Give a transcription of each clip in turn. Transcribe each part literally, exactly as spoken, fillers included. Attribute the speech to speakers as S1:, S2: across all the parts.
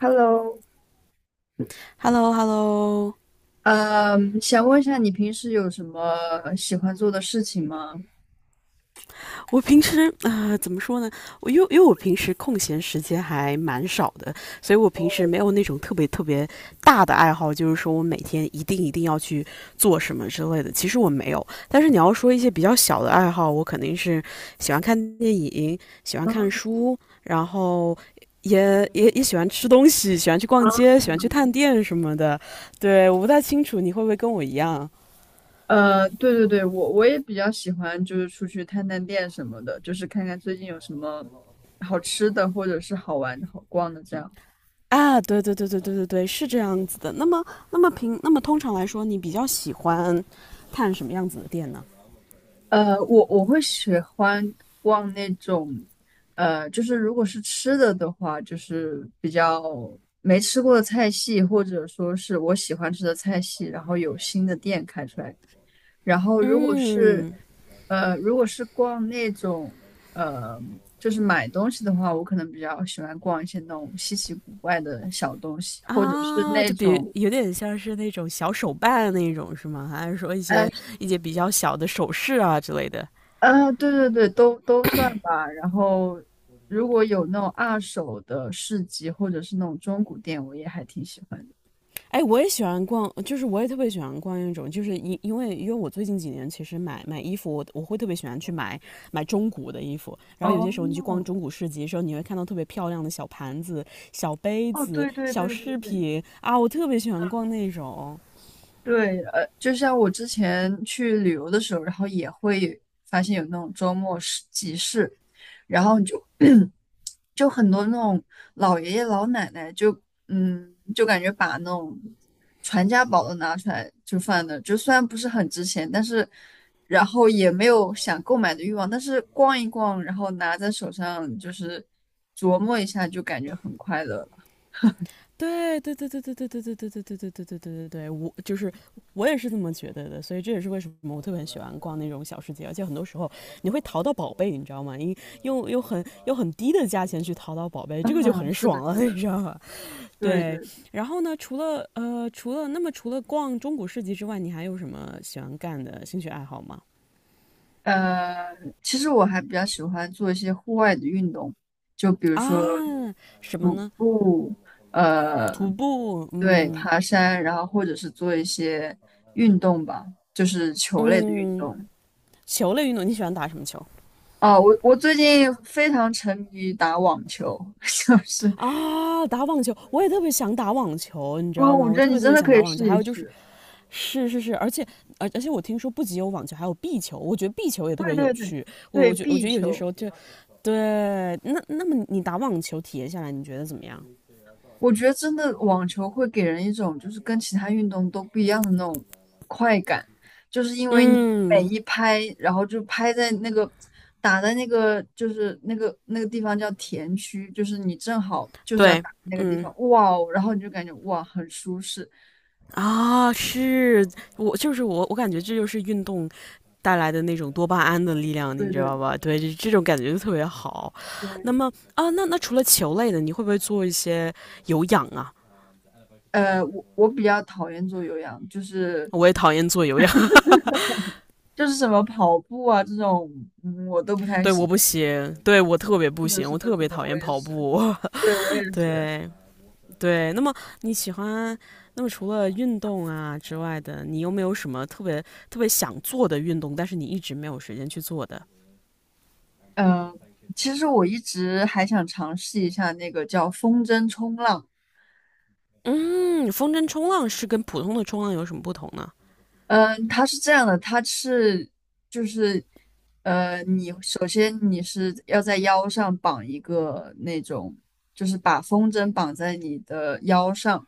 S1: Hello，
S2: h e l l o Hello。
S1: 嗯，想问一下你平时有什么喜欢做的事情吗？
S2: 我平时啊呃怎么说呢？我因为因为我平时空闲时间还蛮少的，所以我平时没有那种特别特别大的爱好，就是说我每天一定一定要去做什么之类的。其实我没有，但是你要说一些比较小的爱好，我肯定是喜欢看电影，喜欢
S1: 啊
S2: 看书，然后。也也也喜欢吃东西，喜欢去逛
S1: 啊，
S2: 街，喜欢去探店什么的。对，我不太清楚你会不会跟我一样。
S1: 呃，对对对，我我也比较喜欢，就是出去探探店什么的，就是看看最近有什么好吃的或者是好玩的、好逛的这样。
S2: 啊，对对对对对对对，是这样子的。那么，那么平，那么通常来说，你比较喜欢看什么样子的店呢？
S1: 呃，我我会喜欢逛那种，呃，就是如果是吃的的话，就是比较没吃过的菜系，或者说是我喜欢吃的菜系，然后有新的店开出来。然后如果是
S2: 嗯，
S1: 呃，如果是逛那种呃，就是买东西的话，我可能比较喜欢逛一些那种稀奇古怪的小东西，或者是
S2: 啊，
S1: 那
S2: 就比
S1: 种
S2: 有点像是那种小手办那种是吗？还是说一
S1: 呃
S2: 些一些比较小的首饰啊之类的？
S1: 呃，对对对，都都算吧。然后如果有那种二手的市集或者是那种中古店，我也还挺喜欢的。
S2: 哎，我也喜欢逛，就是我也特别喜欢逛那种，就是因因为因为我最近几年其实买买衣服，我我会特别喜欢去买买中古的衣服，然后有些
S1: 哦，
S2: 时候你去逛中古市集的时候，你会看到特别漂亮的小盘子、小杯
S1: 哦，
S2: 子、
S1: 对对
S2: 小
S1: 对对
S2: 饰
S1: 对，
S2: 品啊，我特别喜欢
S1: 嗯。
S2: 逛那种。
S1: 对，呃，就像我之前去旅游的时候，然后也会发现有那种周末市集市，然后你就 就很多那种老爷爷老奶奶就，嗯，就感觉把那种传家宝都拿出来就放那，就虽然不是很值钱，但是然后也没有想购买的欲望，但是逛一逛，然后拿在手上就是琢磨一下，就感觉很快乐了。
S2: 对对对对对对对对对对对对对对对对，我就是我也是这么觉得的，所以这也是为什么我特别喜欢逛那种小世界，而且很多时候你会淘到宝贝，你知道吗？因用用很用很低的价钱去淘到宝贝，
S1: 啊，
S2: 这个就很
S1: 是的，
S2: 爽了，
S1: 是
S2: 你
S1: 的。
S2: 知道吧？
S1: 对
S2: 对，
S1: 对。
S2: 然后呢，除了呃除了那么除了逛中古市集之外，你还有什么喜欢干的兴趣爱好吗？
S1: 呃，其实我还比较喜欢做一些户外的运动，就比如说
S2: 啊，什么
S1: 徒
S2: 呢？
S1: 步，呃，
S2: 徒步，
S1: 对，
S2: 嗯
S1: 爬山，然后或者是做一些运动吧，就是球类的运
S2: 嗯，
S1: 动。
S2: 球类运动，你喜欢打什么球？
S1: 哦，我我最近非常沉迷于打网球，就是，
S2: 啊，打网球，我也特别想打网球，你知
S1: 哦，
S2: 道吗？
S1: 我
S2: 我
S1: 觉得
S2: 特
S1: 你
S2: 别特
S1: 真
S2: 别
S1: 的
S2: 想
S1: 可
S2: 打
S1: 以
S2: 网球。
S1: 试
S2: 还
S1: 一
S2: 有就是，
S1: 试。
S2: 是是是，而且而而且我听说不仅有网球，还有壁球，我觉得壁球也特
S1: 对
S2: 别有
S1: 对对
S2: 趣。我
S1: 对，
S2: 我觉我
S1: 壁
S2: 觉得有些时
S1: 球，
S2: 候就，对，那那么你打网球体验下来，你觉得怎么样？
S1: 我觉得真的网球会给人一种就是跟其他运动都不一样的那种快感，就是因为你每
S2: 嗯，
S1: 一拍，然后就拍在那个打在那个就是那个那个地方叫田区，就是你正好就是要
S2: 对，
S1: 打那个地
S2: 嗯。
S1: 方，哇哦，然后你就感觉哇很舒适。
S2: 啊，是我就是我，我感觉这就是运动带来的那种多巴胺的力量，你
S1: 对
S2: 知
S1: 对
S2: 道
S1: 对
S2: 吧？对，这这种感觉就特别好。那
S1: 对，
S2: 么啊，那那除了球类的，你会不会做一些有氧啊？
S1: 呃，我我比较讨厌做有氧，就是
S2: 我也讨厌做有氧，
S1: 就是什么跑步啊这种，嗯，我都不 太
S2: 对，我
S1: 行。
S2: 不 行，对我特别不行，
S1: 是
S2: 我
S1: 的，
S2: 特
S1: 是
S2: 别
S1: 的，
S2: 讨
S1: 我
S2: 厌
S1: 也
S2: 跑
S1: 是，
S2: 步。
S1: 对，我也 是。
S2: 对对，那么你喜欢，那么除了运动啊之外的，你有没有什么特别特别想做的运动，但是你一直没有时间去做的？
S1: 嗯，呃其实我一直还想尝试一下那个叫风筝冲浪。
S2: 嗯，风筝冲浪是跟普通的冲浪有什么不同呢？
S1: 嗯，它是这样的，它是就是，呃，你首先你是要在腰上绑一个那种，就是把风筝绑在你的腰上，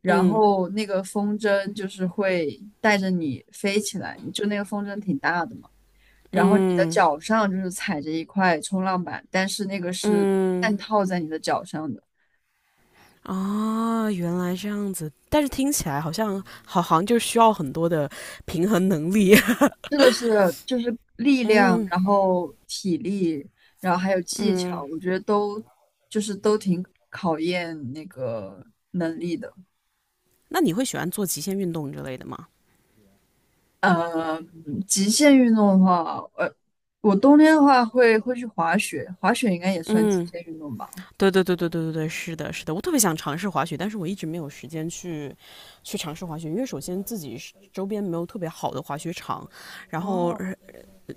S1: 然
S2: 嗯
S1: 后那个风筝就是会带着你飞起来，就那个风筝挺大的嘛。然后你的
S2: 嗯
S1: 脚上就是踩着一块冲浪板，但是那个是半
S2: 嗯
S1: 套在你的脚上的。
S2: 啊，原来这样子，但是听起来好像好，好像就需要很多的平衡能力。
S1: 是的，是的就是力量，
S2: 嗯
S1: 然后体力，然后还有技巧，
S2: 嗯，
S1: 我觉得都就是都挺考验那个能力的。
S2: 那你会喜欢做极限运动之类的吗？
S1: 呃，极限运动的话，呃，我冬天的话会会去滑雪，滑雪应该也算极
S2: 嗯，
S1: 限运动吧。
S2: 对对对对对对对，是的，是的，我特别想尝试滑雪，但是我一直没有时间去去尝试滑雪，因为首先自己是周边没有特别好的滑雪场，然后
S1: 哦，
S2: 呃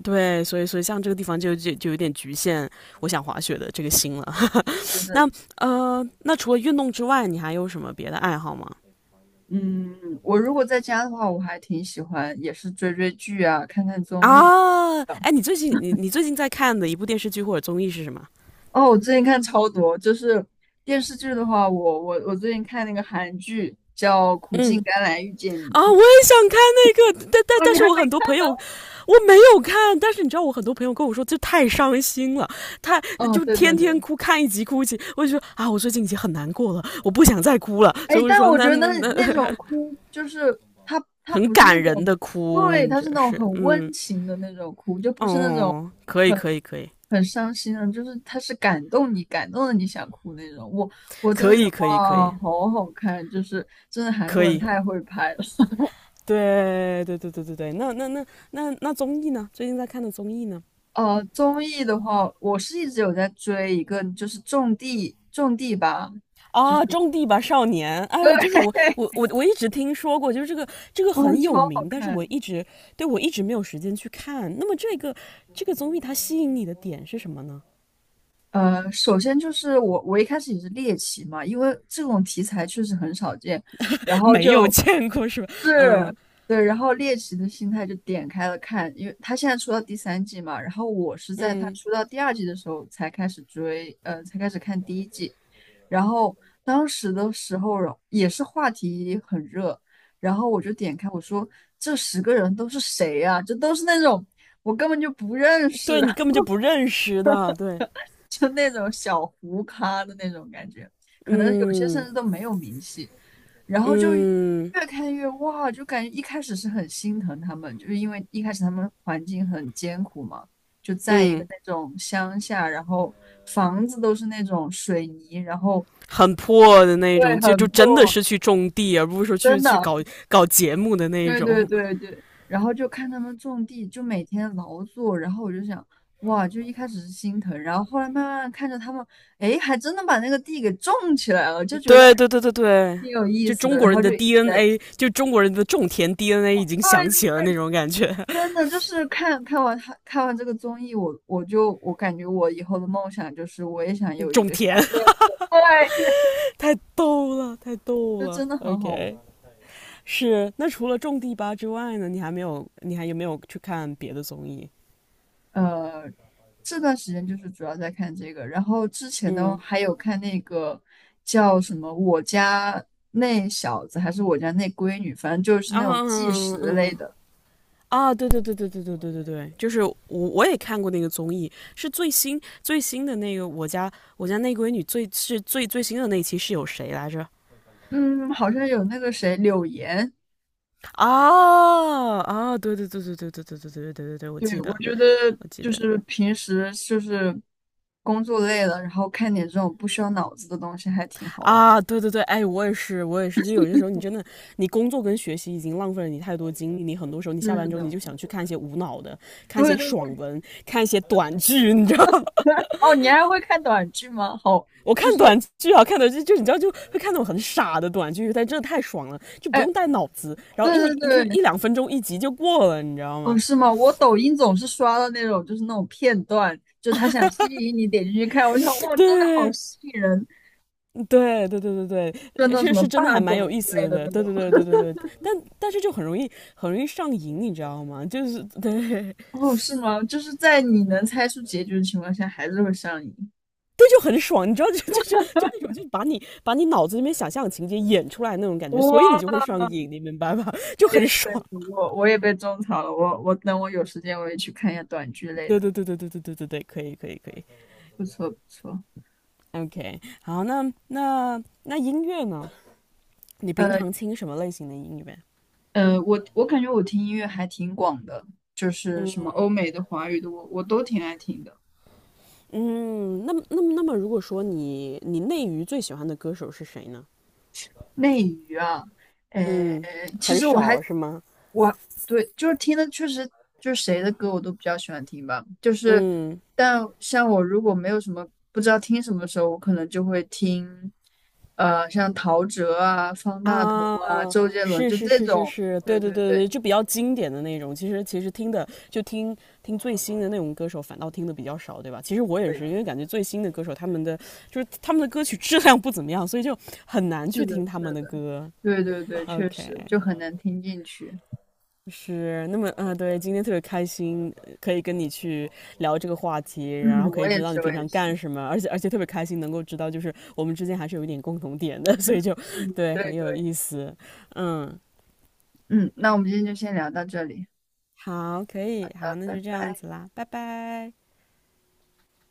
S2: 对，所以所以像这个地方就就就有点局限我想滑雪的这个心了。
S1: 是是
S2: 那
S1: 是，
S2: 呃，那除了运动之外，你还有什么别的爱好吗？
S1: 嗯，我如果在家的话，我还挺喜欢，也是追追剧啊，看看综艺。
S2: 啊，哎，你最近你你最近在看的一部电视剧或者综艺是什么？
S1: 哦，我最近看超多，就是电视剧的话，我我我最近看那个韩剧叫《苦
S2: 嗯，
S1: 尽甘来遇见你》。
S2: 啊，我 也想看那个，但但
S1: 哦，
S2: 但
S1: 你
S2: 是
S1: 还
S2: 我
S1: 没
S2: 很多朋
S1: 看？
S2: 友我没有看，但是你知道我很多朋友跟我说，这太伤心了，太
S1: 嗯，
S2: 就
S1: 对
S2: 天
S1: 对
S2: 天
S1: 对，
S2: 哭，看一集哭一集，我就说啊，我最近已经很难过了，我不想再哭了，
S1: 哎，
S2: 所以我就
S1: 但
S2: 说
S1: 我觉
S2: 那
S1: 得那
S2: 那那
S1: 那种哭就是他 他
S2: 很
S1: 不是那
S2: 感人
S1: 种，
S2: 的哭，
S1: 对，
S2: 你
S1: 他
S2: 这
S1: 是那种
S2: 是
S1: 很
S2: 嗯
S1: 温情的那种哭，就不是那种
S2: 哦，可以
S1: 很
S2: 可以可以
S1: 很伤心的，就是他是感动你，感动的你想哭那种。我我真的
S2: 可
S1: 觉得
S2: 以可以可
S1: 哇，
S2: 以
S1: 好好看，就是真的韩国
S2: 可
S1: 人
S2: 以，
S1: 太会拍了。
S2: 对对对对对对，那那那那那综艺呢？最近在看的综艺呢？
S1: 呃，综艺的话，我是一直有在追一个，就是《种地》，种地吧，
S2: 啊，《种地吧少年》！哎呦
S1: 对，
S2: 就是我 我我我一直听说过，就是这个这个
S1: 哦，
S2: 很
S1: 超
S2: 有
S1: 好
S2: 名，但是我
S1: 看。
S2: 一直对我一直没有时间去看。那么这个这个综艺它吸引你的点是什么呢？
S1: 呃，首先就是我，我一开始也是猎奇嘛，因为这种题材确实很少见，然 后
S2: 没
S1: 就
S2: 有见过是吧？嗯
S1: 是，对，然后猎奇的心态就点开了看，因为他现在出到第三季嘛，然后我是在他
S2: 嗯，
S1: 出到第二季的时候才开始追，呃，才开始看第一季，然后当时的时候也是话题很热，然后我就点开，我说这十个人都是谁呀、这都是那种我根本就不认
S2: 对
S1: 识，
S2: 你根本就不认识的，对，
S1: 就那种小糊咖的那种感觉，可能有些甚
S2: 嗯
S1: 至都没有名气，然后就越
S2: 嗯
S1: 看越哇，就感觉一开始是很心疼他们，就是因为一开始他们环境很艰苦嘛，就在一个
S2: 嗯，
S1: 那种乡下，然后房子都是那种水泥，然后
S2: 很破的那
S1: 对，
S2: 种，就就
S1: 很
S2: 真的
S1: 破，
S2: 是去种地，而不是说去
S1: 真
S2: 去
S1: 的。
S2: 搞搞节目的那
S1: 对对
S2: 种。
S1: 对对，然后就看他们种地，就每天劳作，然后我就想，哇，就一开始是心疼，然后后来慢慢看着他们，哎，还真的把那个地给种起来了，就觉得哎
S2: 对对对对对，
S1: 挺有意
S2: 就
S1: 思
S2: 中
S1: 的，
S2: 国
S1: 然
S2: 人
S1: 后就
S2: 的
S1: 一直在，
S2: D N A，就中国人的种田 D N A 已经响起
S1: 对，
S2: 了那种感觉。
S1: 真的就是看看完他看完这个综艺，我我就我感觉我以后的梦想就是我也想 有一
S2: 种
S1: 个小，
S2: 田
S1: 对，
S2: 太逗了，太逗
S1: 就
S2: 了。
S1: 真的很好玩。
S2: OK，是。那除了种地吧之外呢，你还没有，你还有没有去看别的综艺？
S1: 呃，这段时间就是主要在看这个，然后之前呢
S2: 嗯
S1: 还有看那个叫什么《我家那小子》还是《我家那闺女》，反正就是那种
S2: 啊嗯
S1: 纪
S2: 嗯嗯
S1: 实类
S2: 嗯
S1: 的。
S2: 啊，对对对对对对对对对，就是我我也看过那个综艺，是最新最新的那个我家我家那闺女最是最最新的那一期是有谁来着？
S1: 嗯，好像有那个谁柳岩，
S2: 啊啊，对对对对对对对对对对对对，我
S1: 对，
S2: 记得，
S1: 我觉得
S2: 我记
S1: 就
S2: 得
S1: 是平时就是工作累了，然后看点这种不需要脑子的东西还挺好玩。
S2: 啊，对对对，哎，我也是，我也是，就有些时候你真的，你工作跟学习已经浪费了你太多精力，你很多时候你下
S1: 是
S2: 班之后你
S1: 的，
S2: 就想去看一些无脑的，看一
S1: 对
S2: 些
S1: 对对，
S2: 爽文，看一些短剧，你知道吗？
S1: 哦，你还会看短剧吗？好，
S2: 我看
S1: 就是，
S2: 短剧啊，看短剧就你知道就会看那种很傻的短剧，但真的太爽了，就不
S1: 哎，
S2: 用带脑子，然后
S1: 对
S2: 一一就
S1: 对
S2: 一
S1: 对，
S2: 两分钟一集就过了，你知道
S1: 哦，
S2: 吗？
S1: 是吗？我抖音总是刷到那种，就是那种片段，就他想吸引你点进去看，我想，哇，真的好
S2: 对，
S1: 吸引人，
S2: 对对对对
S1: 就
S2: 对，
S1: 那种什
S2: 是
S1: 么
S2: 是真的
S1: 霸
S2: 还蛮有
S1: 总
S2: 意
S1: 之类
S2: 思
S1: 的
S2: 的，
S1: 那
S2: 对
S1: 种。
S2: 对对对对对，但但是就很容易很容易上瘾，你知道吗？就是
S1: 哦，是吗？就是在你能猜出结局的情况下，还是会上瘾。
S2: 就很爽，你知道就就那种就是把你把你脑子里面想象的情节演出来那种感觉，所以你
S1: 哇，
S2: 就会
S1: 可
S2: 上瘾，你明白吧？就很
S1: 以可以，
S2: 爽。
S1: 我我也被种草了，我我等我有时间我也去看一下短剧类
S2: 对
S1: 的，
S2: 对对对对对对对对，可以可以可以
S1: 不错不错。
S2: ，OK，好，那那那音乐呢？你平
S1: 呃
S2: 常听什么类型的音乐？
S1: 呃，我我感觉我听音乐还挺广的，就是什么
S2: 嗯
S1: 欧美的、华语的，我我都挺爱听的。
S2: 嗯，那么那么那么，如果说你你内娱最喜欢的歌手是谁呢？
S1: 内娱啊，诶，
S2: 嗯，
S1: 其
S2: 很
S1: 实我还
S2: 少是吗？
S1: 我对，就是听的确实就是谁的歌我都比较喜欢听吧，就是
S2: 嗯
S1: 但像我如果没有什么不知道听什么的时候，我可能就会听，呃，像陶喆啊、方大同啊、
S2: 啊，
S1: 周杰伦
S2: 是
S1: 就
S2: 是
S1: 这
S2: 是是
S1: 种，
S2: 是，
S1: 对
S2: 对对
S1: 对
S2: 对对，
S1: 对
S2: 就比较经典的那种。其实其实听的就听听最新的那种歌手，反倒听的比较少，对吧？其实我也
S1: 对，
S2: 是，因为感觉最新的歌手他们的就是他们的歌曲质量不怎么样，所以就很难
S1: 是
S2: 去
S1: 的，
S2: 听他
S1: 是
S2: 们的
S1: 的，
S2: 歌。
S1: 对对对，确
S2: OK，
S1: 实就很难听进去。
S2: 是那么啊、呃对，今天特别开心，呃可以跟你去聊这个话题，然
S1: 嗯，
S2: 后可
S1: 我
S2: 以
S1: 也
S2: 知道你
S1: 是，我
S2: 平
S1: 也
S2: 常
S1: 是，
S2: 干什么，而且而且特别开心能够知道，就是我们之间还是有一点共同点的，
S1: 嗯。
S2: 所以就
S1: 嗯，
S2: 对
S1: 对
S2: 很有
S1: 对，
S2: 意思。嗯，
S1: 嗯，那我们今天就先聊到这里，
S2: 好，可
S1: 好
S2: 以，好，
S1: 的
S2: 那
S1: 拜
S2: 就这样
S1: 拜。
S2: 子啦，拜拜。